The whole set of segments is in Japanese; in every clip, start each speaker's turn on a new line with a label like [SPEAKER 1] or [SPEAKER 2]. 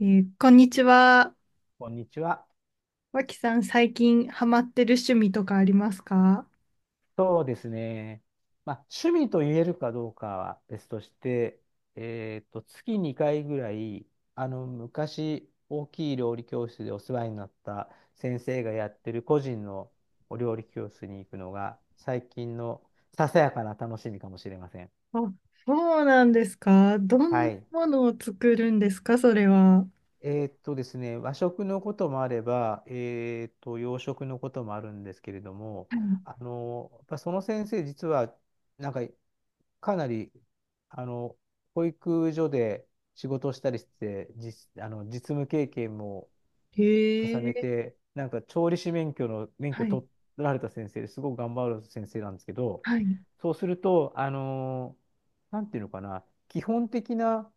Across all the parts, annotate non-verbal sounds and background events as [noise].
[SPEAKER 1] こんにちは。
[SPEAKER 2] こんにちは。
[SPEAKER 1] 脇さん、最近ハマってる趣味とかありますか？
[SPEAKER 2] そうですね。まあ、趣味と言えるかどうかは別として、月2回ぐらい、昔、大きい料理教室でお世話になった先生がやってる個人のお料理教室に行くのが、最近のささやかな楽しみかもしれません。
[SPEAKER 1] あ、そうなんですか。どん
[SPEAKER 2] は
[SPEAKER 1] な
[SPEAKER 2] い。
[SPEAKER 1] ものを作るんですか、それは。は
[SPEAKER 2] ですね、和食のこともあれば、洋食のこともあるんですけれども、やっぱその先生、実は、なんか、かなり、あの、保育所で仕事をしたりして、実、あの、実務経験も
[SPEAKER 1] い。
[SPEAKER 2] 重
[SPEAKER 1] へ
[SPEAKER 2] ね
[SPEAKER 1] え。
[SPEAKER 2] て、なんか、調理師免許の、免
[SPEAKER 1] は
[SPEAKER 2] 許
[SPEAKER 1] い。
[SPEAKER 2] 取られた先生ですごく頑張る先生なんですけど、
[SPEAKER 1] はい。
[SPEAKER 2] そうすると、なんていうのかな、基本的な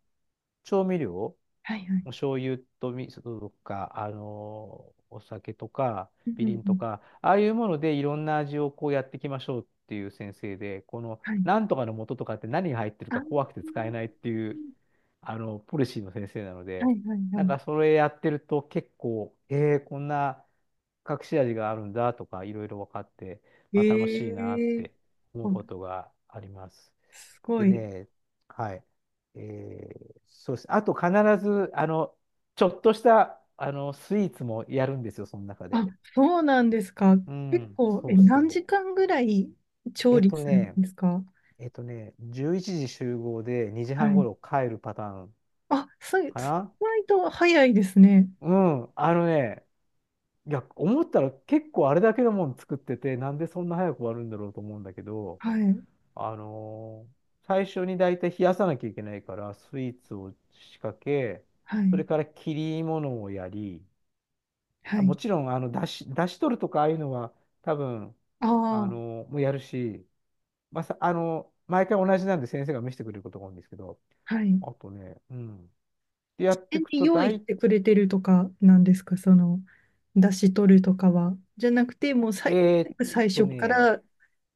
[SPEAKER 2] 調味料、
[SPEAKER 1] はい。はい。
[SPEAKER 2] お醤油と味噌とか、お酒とか、
[SPEAKER 1] うん
[SPEAKER 2] み
[SPEAKER 1] うん
[SPEAKER 2] り
[SPEAKER 1] う
[SPEAKER 2] んと
[SPEAKER 1] ん、
[SPEAKER 2] か、ああいうものでいろんな味をこうやっていきましょうっていう先生で、この
[SPEAKER 1] はい。
[SPEAKER 2] なんとかの素とかって何が入ってる
[SPEAKER 1] あ
[SPEAKER 2] か
[SPEAKER 1] ー、
[SPEAKER 2] 怖くて使えないっていう、ポリシーの先生なの
[SPEAKER 1] はい。
[SPEAKER 2] で、
[SPEAKER 1] はい。
[SPEAKER 2] なん
[SPEAKER 1] は
[SPEAKER 2] かそれやってると結構、こんな隠し味があるんだとか、いろいろ分かって、
[SPEAKER 1] い。
[SPEAKER 2] まあ、楽しいなっ
[SPEAKER 1] へえ。
[SPEAKER 2] て思う
[SPEAKER 1] お、
[SPEAKER 2] ことがあります。
[SPEAKER 1] すご
[SPEAKER 2] で
[SPEAKER 1] い。
[SPEAKER 2] ね、はい。えそうです。あと必ず、ちょっとした、スイーツもやるんですよ、その中で。
[SPEAKER 1] あ、そうなんですか。
[SPEAKER 2] う
[SPEAKER 1] 結
[SPEAKER 2] ん、
[SPEAKER 1] 構、
[SPEAKER 2] そうそ
[SPEAKER 1] 何
[SPEAKER 2] う。
[SPEAKER 1] 時間ぐらい調
[SPEAKER 2] えっ
[SPEAKER 1] 理
[SPEAKER 2] と
[SPEAKER 1] するん
[SPEAKER 2] ね、
[SPEAKER 1] ですか？
[SPEAKER 2] えっとね、11時集合で2
[SPEAKER 1] は
[SPEAKER 2] 時半
[SPEAKER 1] い。
[SPEAKER 2] 頃帰るパターン
[SPEAKER 1] あ、そう、意
[SPEAKER 2] かな。
[SPEAKER 1] 外と早いですね。
[SPEAKER 2] うん、いや、思ったら結構あれだけのもん作ってて、なんでそんな早く終わるんだろうと思うんだけど、
[SPEAKER 1] はい、
[SPEAKER 2] あのー最初にだいたい冷やさなきゃいけないから、スイーツを仕掛け、
[SPEAKER 1] は
[SPEAKER 2] それ
[SPEAKER 1] い、
[SPEAKER 2] から切り物をやり、
[SPEAKER 1] は
[SPEAKER 2] あ、も
[SPEAKER 1] い。
[SPEAKER 2] ちろん、だし取るとか、ああいうのは、多分、
[SPEAKER 1] ああ、
[SPEAKER 2] もうやるし、まあ、さ、あの毎回同じなんで先生が見せてくれることが多いんですけど、
[SPEAKER 1] はい。
[SPEAKER 2] あとね、うん。で、や
[SPEAKER 1] 事
[SPEAKER 2] って
[SPEAKER 1] 前
[SPEAKER 2] いく
[SPEAKER 1] に
[SPEAKER 2] と、
[SPEAKER 1] 用意し
[SPEAKER 2] 大、
[SPEAKER 1] てくれてるとかなんですか、その、出し取るとかは。じゃなくて、もう
[SPEAKER 2] えーっ
[SPEAKER 1] 最初か
[SPEAKER 2] ね、
[SPEAKER 1] ら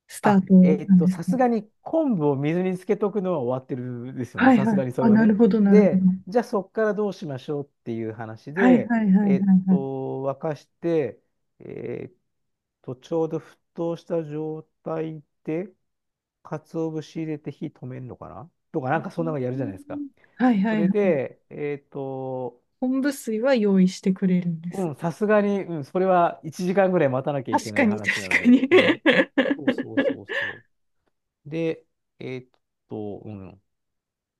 [SPEAKER 1] スタ
[SPEAKER 2] あ、
[SPEAKER 1] ートなんです
[SPEAKER 2] さ
[SPEAKER 1] か？
[SPEAKER 2] すがに昆布を水につけとくのは終わってるですよね。
[SPEAKER 1] はい
[SPEAKER 2] さす
[SPEAKER 1] はい。
[SPEAKER 2] がにそ
[SPEAKER 1] あ、
[SPEAKER 2] れは
[SPEAKER 1] な
[SPEAKER 2] ね。
[SPEAKER 1] るほど、なるほど。
[SPEAKER 2] で、じゃあそこからどうしましょうっていう話
[SPEAKER 1] はい
[SPEAKER 2] で、
[SPEAKER 1] はいはい
[SPEAKER 2] えーっ
[SPEAKER 1] はい
[SPEAKER 2] と、
[SPEAKER 1] はい。
[SPEAKER 2] 沸かして、えーっちょうど沸騰した状態で、鰹節入れて火止めるのかなとか、
[SPEAKER 1] う
[SPEAKER 2] なんかそんなのやるじゃないですか。
[SPEAKER 1] ん、はいは
[SPEAKER 2] そ
[SPEAKER 1] いは
[SPEAKER 2] れ
[SPEAKER 1] い。
[SPEAKER 2] で、
[SPEAKER 1] 昆布水は用意してくれるんです。
[SPEAKER 2] うん、さすがに、うん、それは1時間ぐらい待たなきゃい
[SPEAKER 1] 確
[SPEAKER 2] けな
[SPEAKER 1] か
[SPEAKER 2] い
[SPEAKER 1] に、
[SPEAKER 2] 話
[SPEAKER 1] 確
[SPEAKER 2] なの
[SPEAKER 1] か
[SPEAKER 2] で、
[SPEAKER 1] に。
[SPEAKER 2] ね。そうそう
[SPEAKER 1] [laughs]
[SPEAKER 2] そうそう。で、えーっうん。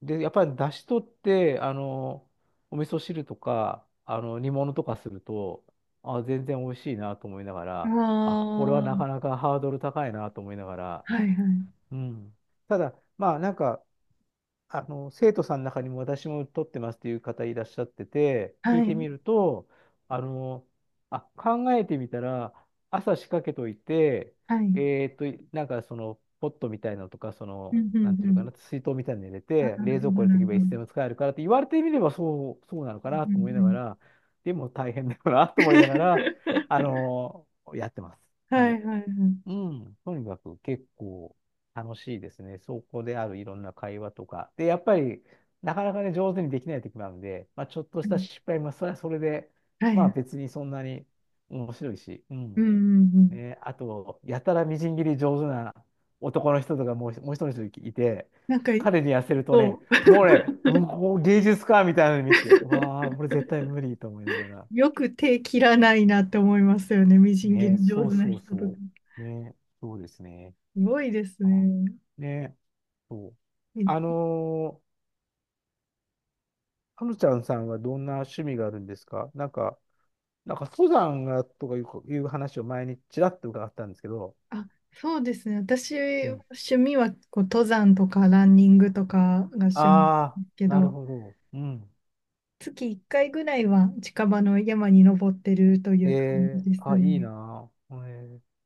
[SPEAKER 2] で、やっぱり出汁取って、お味噌汁とか、煮物とかすると、あ、全然美味しいなと思いなが
[SPEAKER 1] あ
[SPEAKER 2] ら、あ、これはなか
[SPEAKER 1] あ、
[SPEAKER 2] なかハードル高いなと思いながら、
[SPEAKER 1] はいはい。
[SPEAKER 2] うん。ただ、まあ、なんか、生徒さんの中にも私も取ってますっていう方いらっしゃってて、聞
[SPEAKER 1] は
[SPEAKER 2] い
[SPEAKER 1] い、
[SPEAKER 2] てみると、あの、あ、考えてみたら、朝仕掛けといて、
[SPEAKER 1] はい。うん、
[SPEAKER 2] なんかその、ポットみたいなのとか、そ
[SPEAKER 1] う
[SPEAKER 2] の、
[SPEAKER 1] ん、う
[SPEAKER 2] なんていうのか
[SPEAKER 1] ん。
[SPEAKER 2] な、水筒みたいに入れ
[SPEAKER 1] あ、
[SPEAKER 2] て、
[SPEAKER 1] なる
[SPEAKER 2] 冷
[SPEAKER 1] ほど、
[SPEAKER 2] 蔵庫入れ
[SPEAKER 1] な
[SPEAKER 2] とけ
[SPEAKER 1] る
[SPEAKER 2] ば
[SPEAKER 1] ほ
[SPEAKER 2] い
[SPEAKER 1] ど。う
[SPEAKER 2] つで
[SPEAKER 1] ん、
[SPEAKER 2] も使えるからって言われてみればそう、そうなのかな
[SPEAKER 1] う
[SPEAKER 2] と思いなが
[SPEAKER 1] ん、
[SPEAKER 2] ら、でも大変だよなと思いながら、あ
[SPEAKER 1] [laughs]
[SPEAKER 2] の、やってます。
[SPEAKER 1] は
[SPEAKER 2] はい。
[SPEAKER 1] いはいはい。
[SPEAKER 2] うん、とにかく結構楽しいですね。そこであるいろんな会話とか。で、やっぱりなかなかね、上手にできない時もあるので、まあ、ちょっとした失敗もそれはそれで、
[SPEAKER 1] はい
[SPEAKER 2] まあ
[SPEAKER 1] はい。
[SPEAKER 2] 別にそんなに面白いし、う
[SPEAKER 1] うんう
[SPEAKER 2] ん。
[SPEAKER 1] んうん。
[SPEAKER 2] ね、あと、やたらみじん切り上手な男の人とかもう一人の人いて、
[SPEAKER 1] なんか、
[SPEAKER 2] 彼に痩せるとね、
[SPEAKER 1] こ
[SPEAKER 2] もうね、うん、こう芸術家みたいなの見てて、う
[SPEAKER 1] う、
[SPEAKER 2] わ
[SPEAKER 1] [laughs]
[SPEAKER 2] あ、俺絶対無理と思いながら。
[SPEAKER 1] よく手切らないなって思いますよね。みじん切
[SPEAKER 2] ね、
[SPEAKER 1] り上
[SPEAKER 2] そ
[SPEAKER 1] 手
[SPEAKER 2] う
[SPEAKER 1] な
[SPEAKER 2] そう
[SPEAKER 1] 人とか。
[SPEAKER 2] そう。ね、そうですね。
[SPEAKER 1] すごいです
[SPEAKER 2] あ、
[SPEAKER 1] ね。
[SPEAKER 2] ね、そう。あ
[SPEAKER 1] え
[SPEAKER 2] のはちゃんさんはどんな趣味があるんですか？なんか登山がとかいう話を前にちらっと伺ったんですけど、
[SPEAKER 1] あ、そうですね。私、
[SPEAKER 2] うん。
[SPEAKER 1] 趣味はこう登山とかランニングとかが
[SPEAKER 2] あ
[SPEAKER 1] 趣味で
[SPEAKER 2] あ、
[SPEAKER 1] すけ
[SPEAKER 2] なる
[SPEAKER 1] ど、
[SPEAKER 2] ほど。うん。
[SPEAKER 1] 月1回ぐらいは近場の山に登ってるとい
[SPEAKER 2] え
[SPEAKER 1] う感じ
[SPEAKER 2] え、
[SPEAKER 1] です
[SPEAKER 2] あ、いい
[SPEAKER 1] ね。
[SPEAKER 2] なあ。ええ、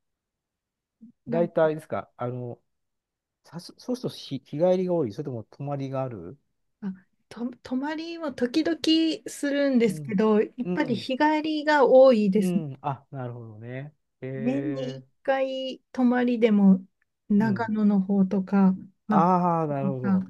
[SPEAKER 1] なん
[SPEAKER 2] 大体ですか？そうすると日帰りが多い？それとも泊まりがある？
[SPEAKER 1] あと、泊まりも時々するんで
[SPEAKER 2] う
[SPEAKER 1] すけ
[SPEAKER 2] ん。
[SPEAKER 1] ど、やっ
[SPEAKER 2] う
[SPEAKER 1] ぱり
[SPEAKER 2] ん。
[SPEAKER 1] 日帰りが多いで
[SPEAKER 2] う
[SPEAKER 1] すね。
[SPEAKER 2] ん。あ、なるほどね。
[SPEAKER 1] 年に1
[SPEAKER 2] ええ、
[SPEAKER 1] 回泊まりでも
[SPEAKER 2] う
[SPEAKER 1] 長
[SPEAKER 2] ん。
[SPEAKER 1] 野の方とか、まあ、と
[SPEAKER 2] ああ、なるほ
[SPEAKER 1] か、
[SPEAKER 2] ど。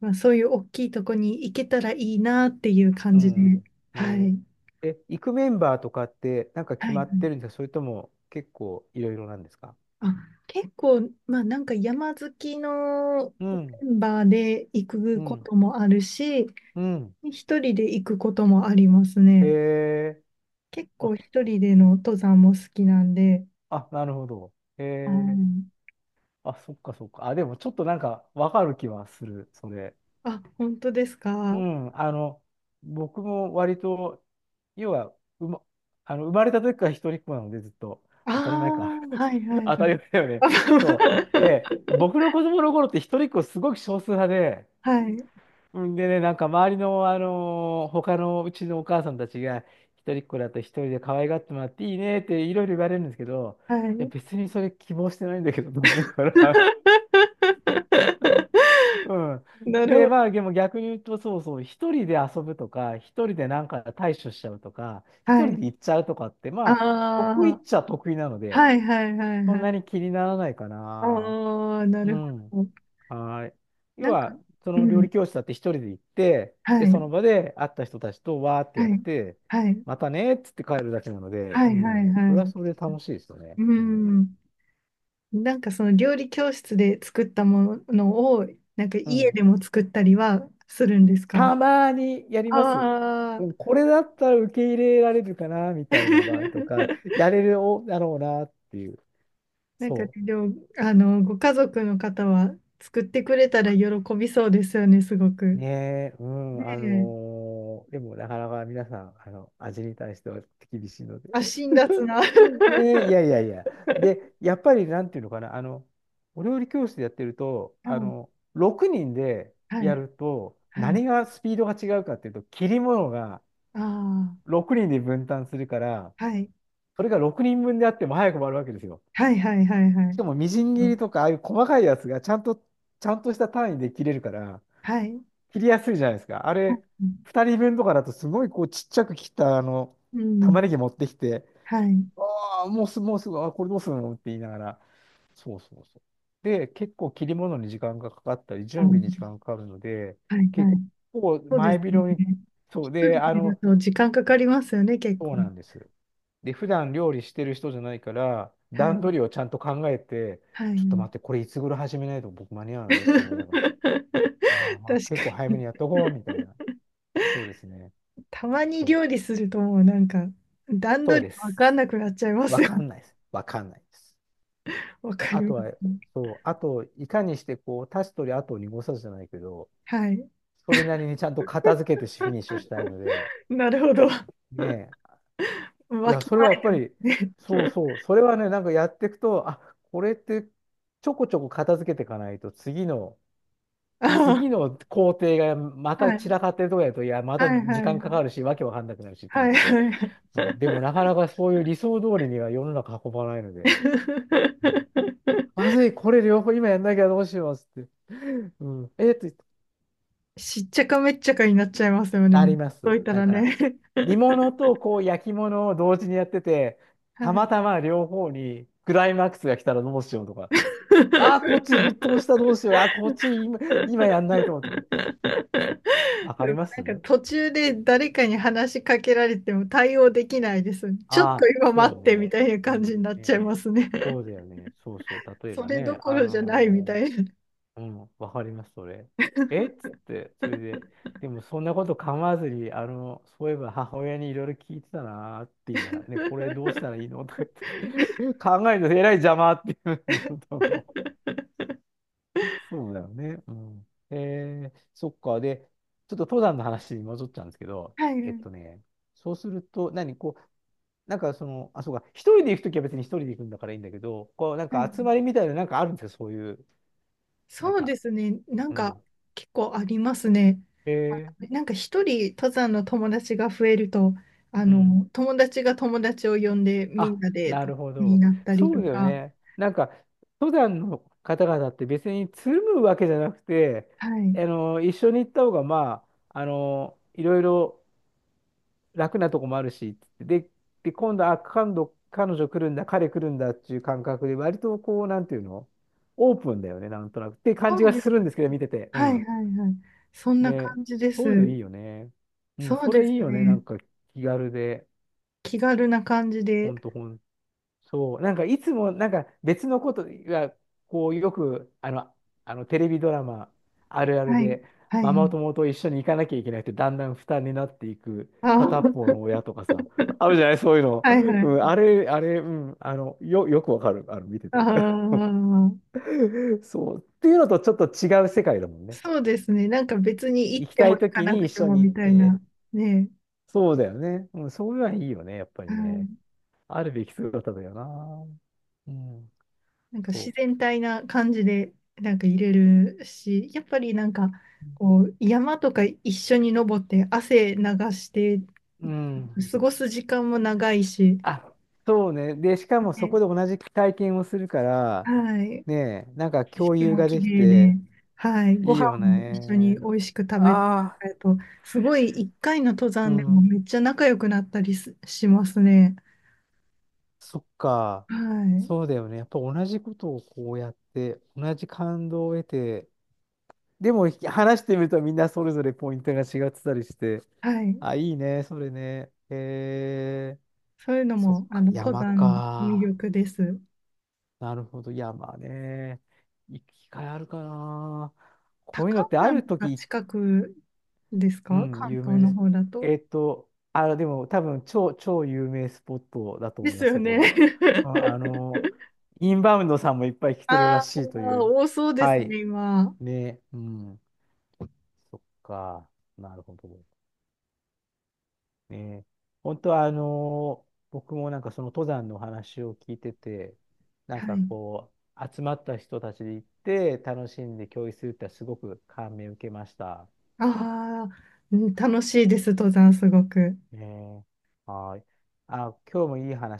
[SPEAKER 1] まあ、そういう大きいとこに行けたらいいなっていう感
[SPEAKER 2] う
[SPEAKER 1] じで。
[SPEAKER 2] ん。
[SPEAKER 1] は
[SPEAKER 2] ね
[SPEAKER 1] い。
[SPEAKER 2] え、行くメンバーとかってなんか決
[SPEAKER 1] は
[SPEAKER 2] ま
[SPEAKER 1] い。
[SPEAKER 2] ってるんですか？それとも結構いろいろなんですか？
[SPEAKER 1] あ、結構、まあなんか山好きの
[SPEAKER 2] うん、
[SPEAKER 1] メンバーで行
[SPEAKER 2] う
[SPEAKER 1] くこ
[SPEAKER 2] ん、
[SPEAKER 1] ともあるし、
[SPEAKER 2] うん。
[SPEAKER 1] 一人で行くこともあります
[SPEAKER 2] へ
[SPEAKER 1] ね。
[SPEAKER 2] え、
[SPEAKER 1] 結構
[SPEAKER 2] あ、
[SPEAKER 1] 一人での登山も好きなんで、
[SPEAKER 2] あ、なるほど。へ
[SPEAKER 1] う
[SPEAKER 2] え、
[SPEAKER 1] ん。
[SPEAKER 2] あ、そっかそっか。あ、でもちょっとなんかわかる気はする、それ。
[SPEAKER 1] あ、本当です
[SPEAKER 2] う
[SPEAKER 1] か？
[SPEAKER 2] ん、僕も割と、要は、うま、あの、生まれた時から一人っ子なのでずっと、
[SPEAKER 1] あ
[SPEAKER 2] 当たり前か。
[SPEAKER 1] あ、はいは
[SPEAKER 2] [laughs]
[SPEAKER 1] い。
[SPEAKER 2] 当たり前だよね。そう。で、
[SPEAKER 1] [laughs]
[SPEAKER 2] 僕の子供の頃って一人っ子すごく少数派で、
[SPEAKER 1] あ、はい、
[SPEAKER 2] うん、でね、なんか周りの、他のうちのお母さんたちが、一人っ子だと一人で可愛がってもらっていいねっていろいろ言われるんですけど、
[SPEAKER 1] は
[SPEAKER 2] いや
[SPEAKER 1] い、
[SPEAKER 2] 別にそれ希望してないんだけど、と思いながら。[laughs] うん。
[SPEAKER 1] [laughs] なる
[SPEAKER 2] で、
[SPEAKER 1] ほど。
[SPEAKER 2] まあでも逆に言うと、そうそう、一人で遊ぶとか、一人でなんか対処しちゃうとか、一
[SPEAKER 1] は
[SPEAKER 2] 人
[SPEAKER 1] い。
[SPEAKER 2] で行っちゃうとかって、
[SPEAKER 1] あ
[SPEAKER 2] まあ、得意っ
[SPEAKER 1] あ、
[SPEAKER 2] ちゃ得意なので、
[SPEAKER 1] はいはいはい
[SPEAKER 2] そん
[SPEAKER 1] はい。
[SPEAKER 2] なに気にならないかな。
[SPEAKER 1] ああ、な
[SPEAKER 2] う
[SPEAKER 1] る
[SPEAKER 2] ん。
[SPEAKER 1] ほど。
[SPEAKER 2] はい。要
[SPEAKER 1] なんか、
[SPEAKER 2] は、そ
[SPEAKER 1] う
[SPEAKER 2] の料
[SPEAKER 1] ん、
[SPEAKER 2] 理教室だって一人で行って、
[SPEAKER 1] は
[SPEAKER 2] で、そ
[SPEAKER 1] い、
[SPEAKER 2] の場で会った人たちとわーってや
[SPEAKER 1] は
[SPEAKER 2] っ
[SPEAKER 1] い、
[SPEAKER 2] て、
[SPEAKER 1] はい、
[SPEAKER 2] またねーっつって帰るだけなので、
[SPEAKER 1] は
[SPEAKER 2] う
[SPEAKER 1] い、はい、
[SPEAKER 2] ん。そ
[SPEAKER 1] は
[SPEAKER 2] れはそ
[SPEAKER 1] い。
[SPEAKER 2] れで楽しいですよね。
[SPEAKER 1] う
[SPEAKER 2] うん。
[SPEAKER 1] ん。なんかその料理教室で作ったものを、なんか
[SPEAKER 2] う
[SPEAKER 1] 家
[SPEAKER 2] ん。
[SPEAKER 1] でも作ったりはするんですか？
[SPEAKER 2] たまにやります。
[SPEAKER 1] ああ
[SPEAKER 2] う
[SPEAKER 1] ー。
[SPEAKER 2] ん、これだったら受け入れられるかな、みたいな場合とか、
[SPEAKER 1] [laughs]
[SPEAKER 2] やれるだろうなっていう。
[SPEAKER 1] なんか
[SPEAKER 2] そう。
[SPEAKER 1] でも、ご家族の方は作ってくれたら喜びそうですよね、すごく。
[SPEAKER 2] ねえ、う
[SPEAKER 1] ね
[SPEAKER 2] ん、
[SPEAKER 1] え。
[SPEAKER 2] でもなかなか皆さん、味に対しては厳しいので。
[SPEAKER 1] あ、辛辣な。[laughs]
[SPEAKER 2] [laughs] ねえ、い
[SPEAKER 1] は
[SPEAKER 2] やいやいや。で、やっぱりなんていうのかな、お料理教室でやってると、
[SPEAKER 1] い、
[SPEAKER 2] 6人で
[SPEAKER 1] は
[SPEAKER 2] や
[SPEAKER 1] い、
[SPEAKER 2] ると、
[SPEAKER 1] はい。
[SPEAKER 2] 何がスピードが違うかっていうと、切り物が
[SPEAKER 1] あ
[SPEAKER 2] 6人で分担するから、
[SPEAKER 1] あ、はい。
[SPEAKER 2] それが6人分であっても早く終わるわけですよ。
[SPEAKER 1] はい、はい、はい、は
[SPEAKER 2] し
[SPEAKER 1] い。
[SPEAKER 2] かもみじん切りとか、ああいう細かいやつがちゃんとした単位で切れるから、
[SPEAKER 1] はい。
[SPEAKER 2] 切りやすいじゃないですか。あれ、
[SPEAKER 1] うん、
[SPEAKER 2] 二人分とかだとすごいこうちっちゃく切った
[SPEAKER 1] う
[SPEAKER 2] 玉
[SPEAKER 1] ん、
[SPEAKER 2] ねぎ持ってきて、
[SPEAKER 1] はい。
[SPEAKER 2] ああ、もうすぐ、もうすぐ、あ、これどうするのって言いながら。そうそうそう。で、結構切り物に時間がかかったり、
[SPEAKER 1] あ、
[SPEAKER 2] 準
[SPEAKER 1] は
[SPEAKER 2] 備に時間がかかるので、
[SPEAKER 1] い、は
[SPEAKER 2] 結
[SPEAKER 1] い。
[SPEAKER 2] 構
[SPEAKER 1] そうで
[SPEAKER 2] 前
[SPEAKER 1] すね。
[SPEAKER 2] 広に、そう
[SPEAKER 1] 一
[SPEAKER 2] で、
[SPEAKER 1] 人
[SPEAKER 2] あ
[SPEAKER 1] でいる
[SPEAKER 2] の、
[SPEAKER 1] と時間かかりますよね、結
[SPEAKER 2] そう
[SPEAKER 1] 構。
[SPEAKER 2] なんです。で、普段料理してる人じゃないから、
[SPEAKER 1] はい。
[SPEAKER 2] 段取りをちゃんと考えて、
[SPEAKER 1] は
[SPEAKER 2] ちょっと
[SPEAKER 1] い。
[SPEAKER 2] 待って、これいつ頃始めないと僕間に合わないって思いながら、まあ
[SPEAKER 1] [laughs]
[SPEAKER 2] まあ、
[SPEAKER 1] 確
[SPEAKER 2] 結
[SPEAKER 1] か
[SPEAKER 2] 構早め
[SPEAKER 1] に。
[SPEAKER 2] にやっとこうみたいな。そうですね。
[SPEAKER 1] たまに
[SPEAKER 2] そ
[SPEAKER 1] 料
[SPEAKER 2] う。
[SPEAKER 1] 理するともうなんか段
[SPEAKER 2] そう
[SPEAKER 1] 取り
[SPEAKER 2] で
[SPEAKER 1] わ
[SPEAKER 2] す。
[SPEAKER 1] かんなくなっちゃいます
[SPEAKER 2] わ
[SPEAKER 1] よ
[SPEAKER 2] か
[SPEAKER 1] ね。
[SPEAKER 2] んないです。わかんないです。
[SPEAKER 1] わかり
[SPEAKER 2] あ
[SPEAKER 1] ま
[SPEAKER 2] と
[SPEAKER 1] す
[SPEAKER 2] は、
[SPEAKER 1] ね。
[SPEAKER 2] そう、あと、いかにして、こう、足すとり後を濁さずじゃないけど、
[SPEAKER 1] はい。
[SPEAKER 2] それなりにちゃんと片付けてフィニッシュしたいので、
[SPEAKER 1] [laughs] なるほど。[laughs]
[SPEAKER 2] ねえ。い
[SPEAKER 1] わ
[SPEAKER 2] や、
[SPEAKER 1] き
[SPEAKER 2] それ
[SPEAKER 1] ま
[SPEAKER 2] はやっぱり、
[SPEAKER 1] えね。
[SPEAKER 2] そうそう、それはね、なんかやっていくと、あ、これって、ちょこちょこ片付けていかないと、次の、次
[SPEAKER 1] あ
[SPEAKER 2] の工程がま
[SPEAKER 1] あ、
[SPEAKER 2] た
[SPEAKER 1] は
[SPEAKER 2] 散
[SPEAKER 1] い。
[SPEAKER 2] らかってるとこやと、いや、また
[SPEAKER 1] はいは
[SPEAKER 2] 時
[SPEAKER 1] いは
[SPEAKER 2] 間か
[SPEAKER 1] い。
[SPEAKER 2] かるし、わけわかんなくなるし、と
[SPEAKER 1] は
[SPEAKER 2] 思っ
[SPEAKER 1] いは
[SPEAKER 2] て。
[SPEAKER 1] いはい。
[SPEAKER 2] でも、なかなかそういう理想通りには世の中運ばないので。まずい、これ両方今やんなきゃどうしようっつって。[laughs] うん。
[SPEAKER 1] [laughs] しっちゃかめっちゃかになっちゃいますよね。
[SPEAKER 2] な
[SPEAKER 1] もう
[SPEAKER 2] りま
[SPEAKER 1] ほっと
[SPEAKER 2] す。
[SPEAKER 1] いたらね。
[SPEAKER 2] 煮物とこう焼き物を同時にやってて、
[SPEAKER 1] [laughs]
[SPEAKER 2] た
[SPEAKER 1] は
[SPEAKER 2] ま
[SPEAKER 1] い。
[SPEAKER 2] たま両方にクライマックスが来たらどうしようとか。ああ、こっち沸騰したどうし
[SPEAKER 1] [laughs]
[SPEAKER 2] よう。ああ、こっち今、今やん
[SPEAKER 1] で
[SPEAKER 2] ないと。とかわかり
[SPEAKER 1] も
[SPEAKER 2] ま
[SPEAKER 1] な
[SPEAKER 2] す。
[SPEAKER 1] んか途中で誰かに話しかけられても対応できないです。ちょっと
[SPEAKER 2] ああ、
[SPEAKER 1] 今
[SPEAKER 2] そ
[SPEAKER 1] 待
[SPEAKER 2] う
[SPEAKER 1] ってみ
[SPEAKER 2] ね。
[SPEAKER 1] たいな
[SPEAKER 2] う
[SPEAKER 1] 感じ
[SPEAKER 2] ん。
[SPEAKER 1] になっちゃい
[SPEAKER 2] ね、
[SPEAKER 1] ますね。
[SPEAKER 2] そうだよね。そうそう。例え
[SPEAKER 1] そ
[SPEAKER 2] ば
[SPEAKER 1] れど
[SPEAKER 2] ね、
[SPEAKER 1] こ
[SPEAKER 2] あ
[SPEAKER 1] ろじゃないみ
[SPEAKER 2] の
[SPEAKER 1] たいな。
[SPEAKER 2] ーうん、わかります、それ。えっつって、それで、でもそんなこと構わずに、あの、そういえば母親にいろいろ聞いてたなーって言いながら、ね、これどうしたらいいのとか言って、[laughs] 考えるとえらい邪魔って言うんだんそうだよね。うん。えー、そっか。で、ちょっと登山の話に戻っちゃうんですけど、
[SPEAKER 1] はい
[SPEAKER 2] えっ
[SPEAKER 1] は
[SPEAKER 2] と
[SPEAKER 1] い
[SPEAKER 2] ね、そうすると、何、こう、あ、そうか、一人で行くときは別に一人で行くんだからいいんだけど、こう、なん
[SPEAKER 1] は
[SPEAKER 2] か
[SPEAKER 1] い。
[SPEAKER 2] 集まりみたいな、なんかあるんですよ、そういう、なん
[SPEAKER 1] そう
[SPEAKER 2] か、
[SPEAKER 1] ですね。なん
[SPEAKER 2] う
[SPEAKER 1] か
[SPEAKER 2] ん。
[SPEAKER 1] 結構ありますね。
[SPEAKER 2] えー
[SPEAKER 1] なんか一人登山の友達が増えると、
[SPEAKER 2] うん。
[SPEAKER 1] 友達が友達を呼んでみ
[SPEAKER 2] あ、
[SPEAKER 1] んなで
[SPEAKER 2] な
[SPEAKER 1] と
[SPEAKER 2] るほ
[SPEAKER 1] に
[SPEAKER 2] ど。
[SPEAKER 1] なったり
[SPEAKER 2] そ
[SPEAKER 1] と
[SPEAKER 2] うだよ
[SPEAKER 1] か。
[SPEAKER 2] ね。なんか、登山の方々って別につるむわけじゃなくて、
[SPEAKER 1] はい。
[SPEAKER 2] あの、一緒に行った方が、まあ、あの、いろいろ楽なとこもあるし、で、で、今度、あ、今度、彼女来るんだ、彼来るんだっていう感覚で、割とこう、なんていうのオープンだよね、なんとなく。って感
[SPEAKER 1] そ
[SPEAKER 2] じ
[SPEAKER 1] う
[SPEAKER 2] が
[SPEAKER 1] で
[SPEAKER 2] するん
[SPEAKER 1] す。
[SPEAKER 2] ですけど、見てて。う
[SPEAKER 1] はい
[SPEAKER 2] ん。
[SPEAKER 1] はいはい。そんな
[SPEAKER 2] ね、
[SPEAKER 1] 感じで
[SPEAKER 2] そういうの
[SPEAKER 1] す。
[SPEAKER 2] いいよね。うん、
[SPEAKER 1] そう
[SPEAKER 2] そ
[SPEAKER 1] で
[SPEAKER 2] れい
[SPEAKER 1] す
[SPEAKER 2] いよね、な
[SPEAKER 1] ね。
[SPEAKER 2] んか気軽で。
[SPEAKER 1] 気軽な感じ
[SPEAKER 2] ほ
[SPEAKER 1] で。
[SPEAKER 2] んと、ほんそう、なんかいつもなんか別のことが、こうよくあの、あのテレビドラマあるある
[SPEAKER 1] はい。
[SPEAKER 2] で、
[SPEAKER 1] はい
[SPEAKER 2] マ
[SPEAKER 1] は
[SPEAKER 2] マ
[SPEAKER 1] い。
[SPEAKER 2] 友と一緒に行かなきゃいけないってだんだん負担になっていく
[SPEAKER 1] あ
[SPEAKER 2] 片方の
[SPEAKER 1] ー
[SPEAKER 2] 親とかさ、あるじゃないそういう
[SPEAKER 1] [laughs]
[SPEAKER 2] の。
[SPEAKER 1] はいは
[SPEAKER 2] うん、
[SPEAKER 1] い。
[SPEAKER 2] あれ、あれ、うん、あの、よくわかる。あの、見て
[SPEAKER 1] あ
[SPEAKER 2] て。
[SPEAKER 1] あ、
[SPEAKER 2] [laughs] そう。っていうのとちょっと違う世界だもんね。
[SPEAKER 1] そうですね。なんか別に行っ
[SPEAKER 2] 行き
[SPEAKER 1] て
[SPEAKER 2] た
[SPEAKER 1] も
[SPEAKER 2] い
[SPEAKER 1] 行か
[SPEAKER 2] 時
[SPEAKER 1] な
[SPEAKER 2] に
[SPEAKER 1] く
[SPEAKER 2] 一
[SPEAKER 1] て
[SPEAKER 2] 緒
[SPEAKER 1] も
[SPEAKER 2] に行
[SPEAKER 1] み
[SPEAKER 2] っ
[SPEAKER 1] たい
[SPEAKER 2] て。
[SPEAKER 1] な。ね
[SPEAKER 2] そうだよね。うん、そういうのはいいよね、やっぱ
[SPEAKER 1] え。
[SPEAKER 2] り
[SPEAKER 1] う
[SPEAKER 2] ね。
[SPEAKER 1] ん、
[SPEAKER 2] あるべき姿だよな。うん、
[SPEAKER 1] なんか自
[SPEAKER 2] そ
[SPEAKER 1] 然体な感じで、なんか入れるし、やっぱりなんか、
[SPEAKER 2] う。
[SPEAKER 1] こう、山とか一緒に登って汗流して、
[SPEAKER 2] うん。
[SPEAKER 1] 過ごす時間も長いし。
[SPEAKER 2] あ、そうね。で、しかもそ
[SPEAKER 1] ね、
[SPEAKER 2] こで同じ体験をするから、
[SPEAKER 1] はい。
[SPEAKER 2] ねえ、なんか
[SPEAKER 1] 景
[SPEAKER 2] 共
[SPEAKER 1] 色
[SPEAKER 2] 有
[SPEAKER 1] も
[SPEAKER 2] が
[SPEAKER 1] 綺
[SPEAKER 2] でき
[SPEAKER 1] 麗で、
[SPEAKER 2] て、
[SPEAKER 1] はい、ご
[SPEAKER 2] いい
[SPEAKER 1] 飯
[SPEAKER 2] よ
[SPEAKER 1] も一緒に美
[SPEAKER 2] ね。
[SPEAKER 1] 味しく食べて、
[SPEAKER 2] ああ、
[SPEAKER 1] えっと、すごい一回の登
[SPEAKER 2] う
[SPEAKER 1] 山でも
[SPEAKER 2] ん。
[SPEAKER 1] めっちゃ仲良くなったりすしますね。
[SPEAKER 2] そっか。
[SPEAKER 1] は
[SPEAKER 2] そうだよね。やっぱ同じことをこうやって、同じ感動を得て、でも話してみるとみんなそれぞれポイントが違ってたりして、
[SPEAKER 1] い、はい、
[SPEAKER 2] あ、いいね、それね。へえ
[SPEAKER 1] そういうの
[SPEAKER 2] そっ
[SPEAKER 1] もあ
[SPEAKER 2] か、
[SPEAKER 1] の登
[SPEAKER 2] 山
[SPEAKER 1] 山の魅
[SPEAKER 2] か。
[SPEAKER 1] 力です。
[SPEAKER 2] なるほど。いや、まあね。行き換えあるかな。こういう
[SPEAKER 1] 高
[SPEAKER 2] のっ
[SPEAKER 1] 尾
[SPEAKER 2] てあ
[SPEAKER 1] 山
[SPEAKER 2] る
[SPEAKER 1] とか
[SPEAKER 2] 時、
[SPEAKER 1] 近くです
[SPEAKER 2] う
[SPEAKER 1] か、
[SPEAKER 2] ん、
[SPEAKER 1] 関
[SPEAKER 2] 有
[SPEAKER 1] 東
[SPEAKER 2] 名で
[SPEAKER 1] の
[SPEAKER 2] す。
[SPEAKER 1] 方だと？
[SPEAKER 2] あ、でも多分超有名スポットだと
[SPEAKER 1] で
[SPEAKER 2] 思い
[SPEAKER 1] す
[SPEAKER 2] ます、
[SPEAKER 1] よ
[SPEAKER 2] そこ
[SPEAKER 1] ね。
[SPEAKER 2] は。あ
[SPEAKER 1] [laughs]
[SPEAKER 2] インバウンドさんもいっぱい来てるら
[SPEAKER 1] あ
[SPEAKER 2] しいと
[SPEAKER 1] あ、
[SPEAKER 2] いう。
[SPEAKER 1] 多そうで
[SPEAKER 2] は
[SPEAKER 1] す
[SPEAKER 2] い。
[SPEAKER 1] ね、今。
[SPEAKER 2] ね。うん。そっか。なるほど。ね、本当は僕もなんかその登山の話を聞いてて、なん
[SPEAKER 1] は
[SPEAKER 2] か
[SPEAKER 1] い。
[SPEAKER 2] こ集まった人たちで行って楽しんで共有するってすごく感銘を受けました。
[SPEAKER 1] ああ、うん、楽しいです、登山すごく。
[SPEAKER 2] ね、はい。あ、今日もいい話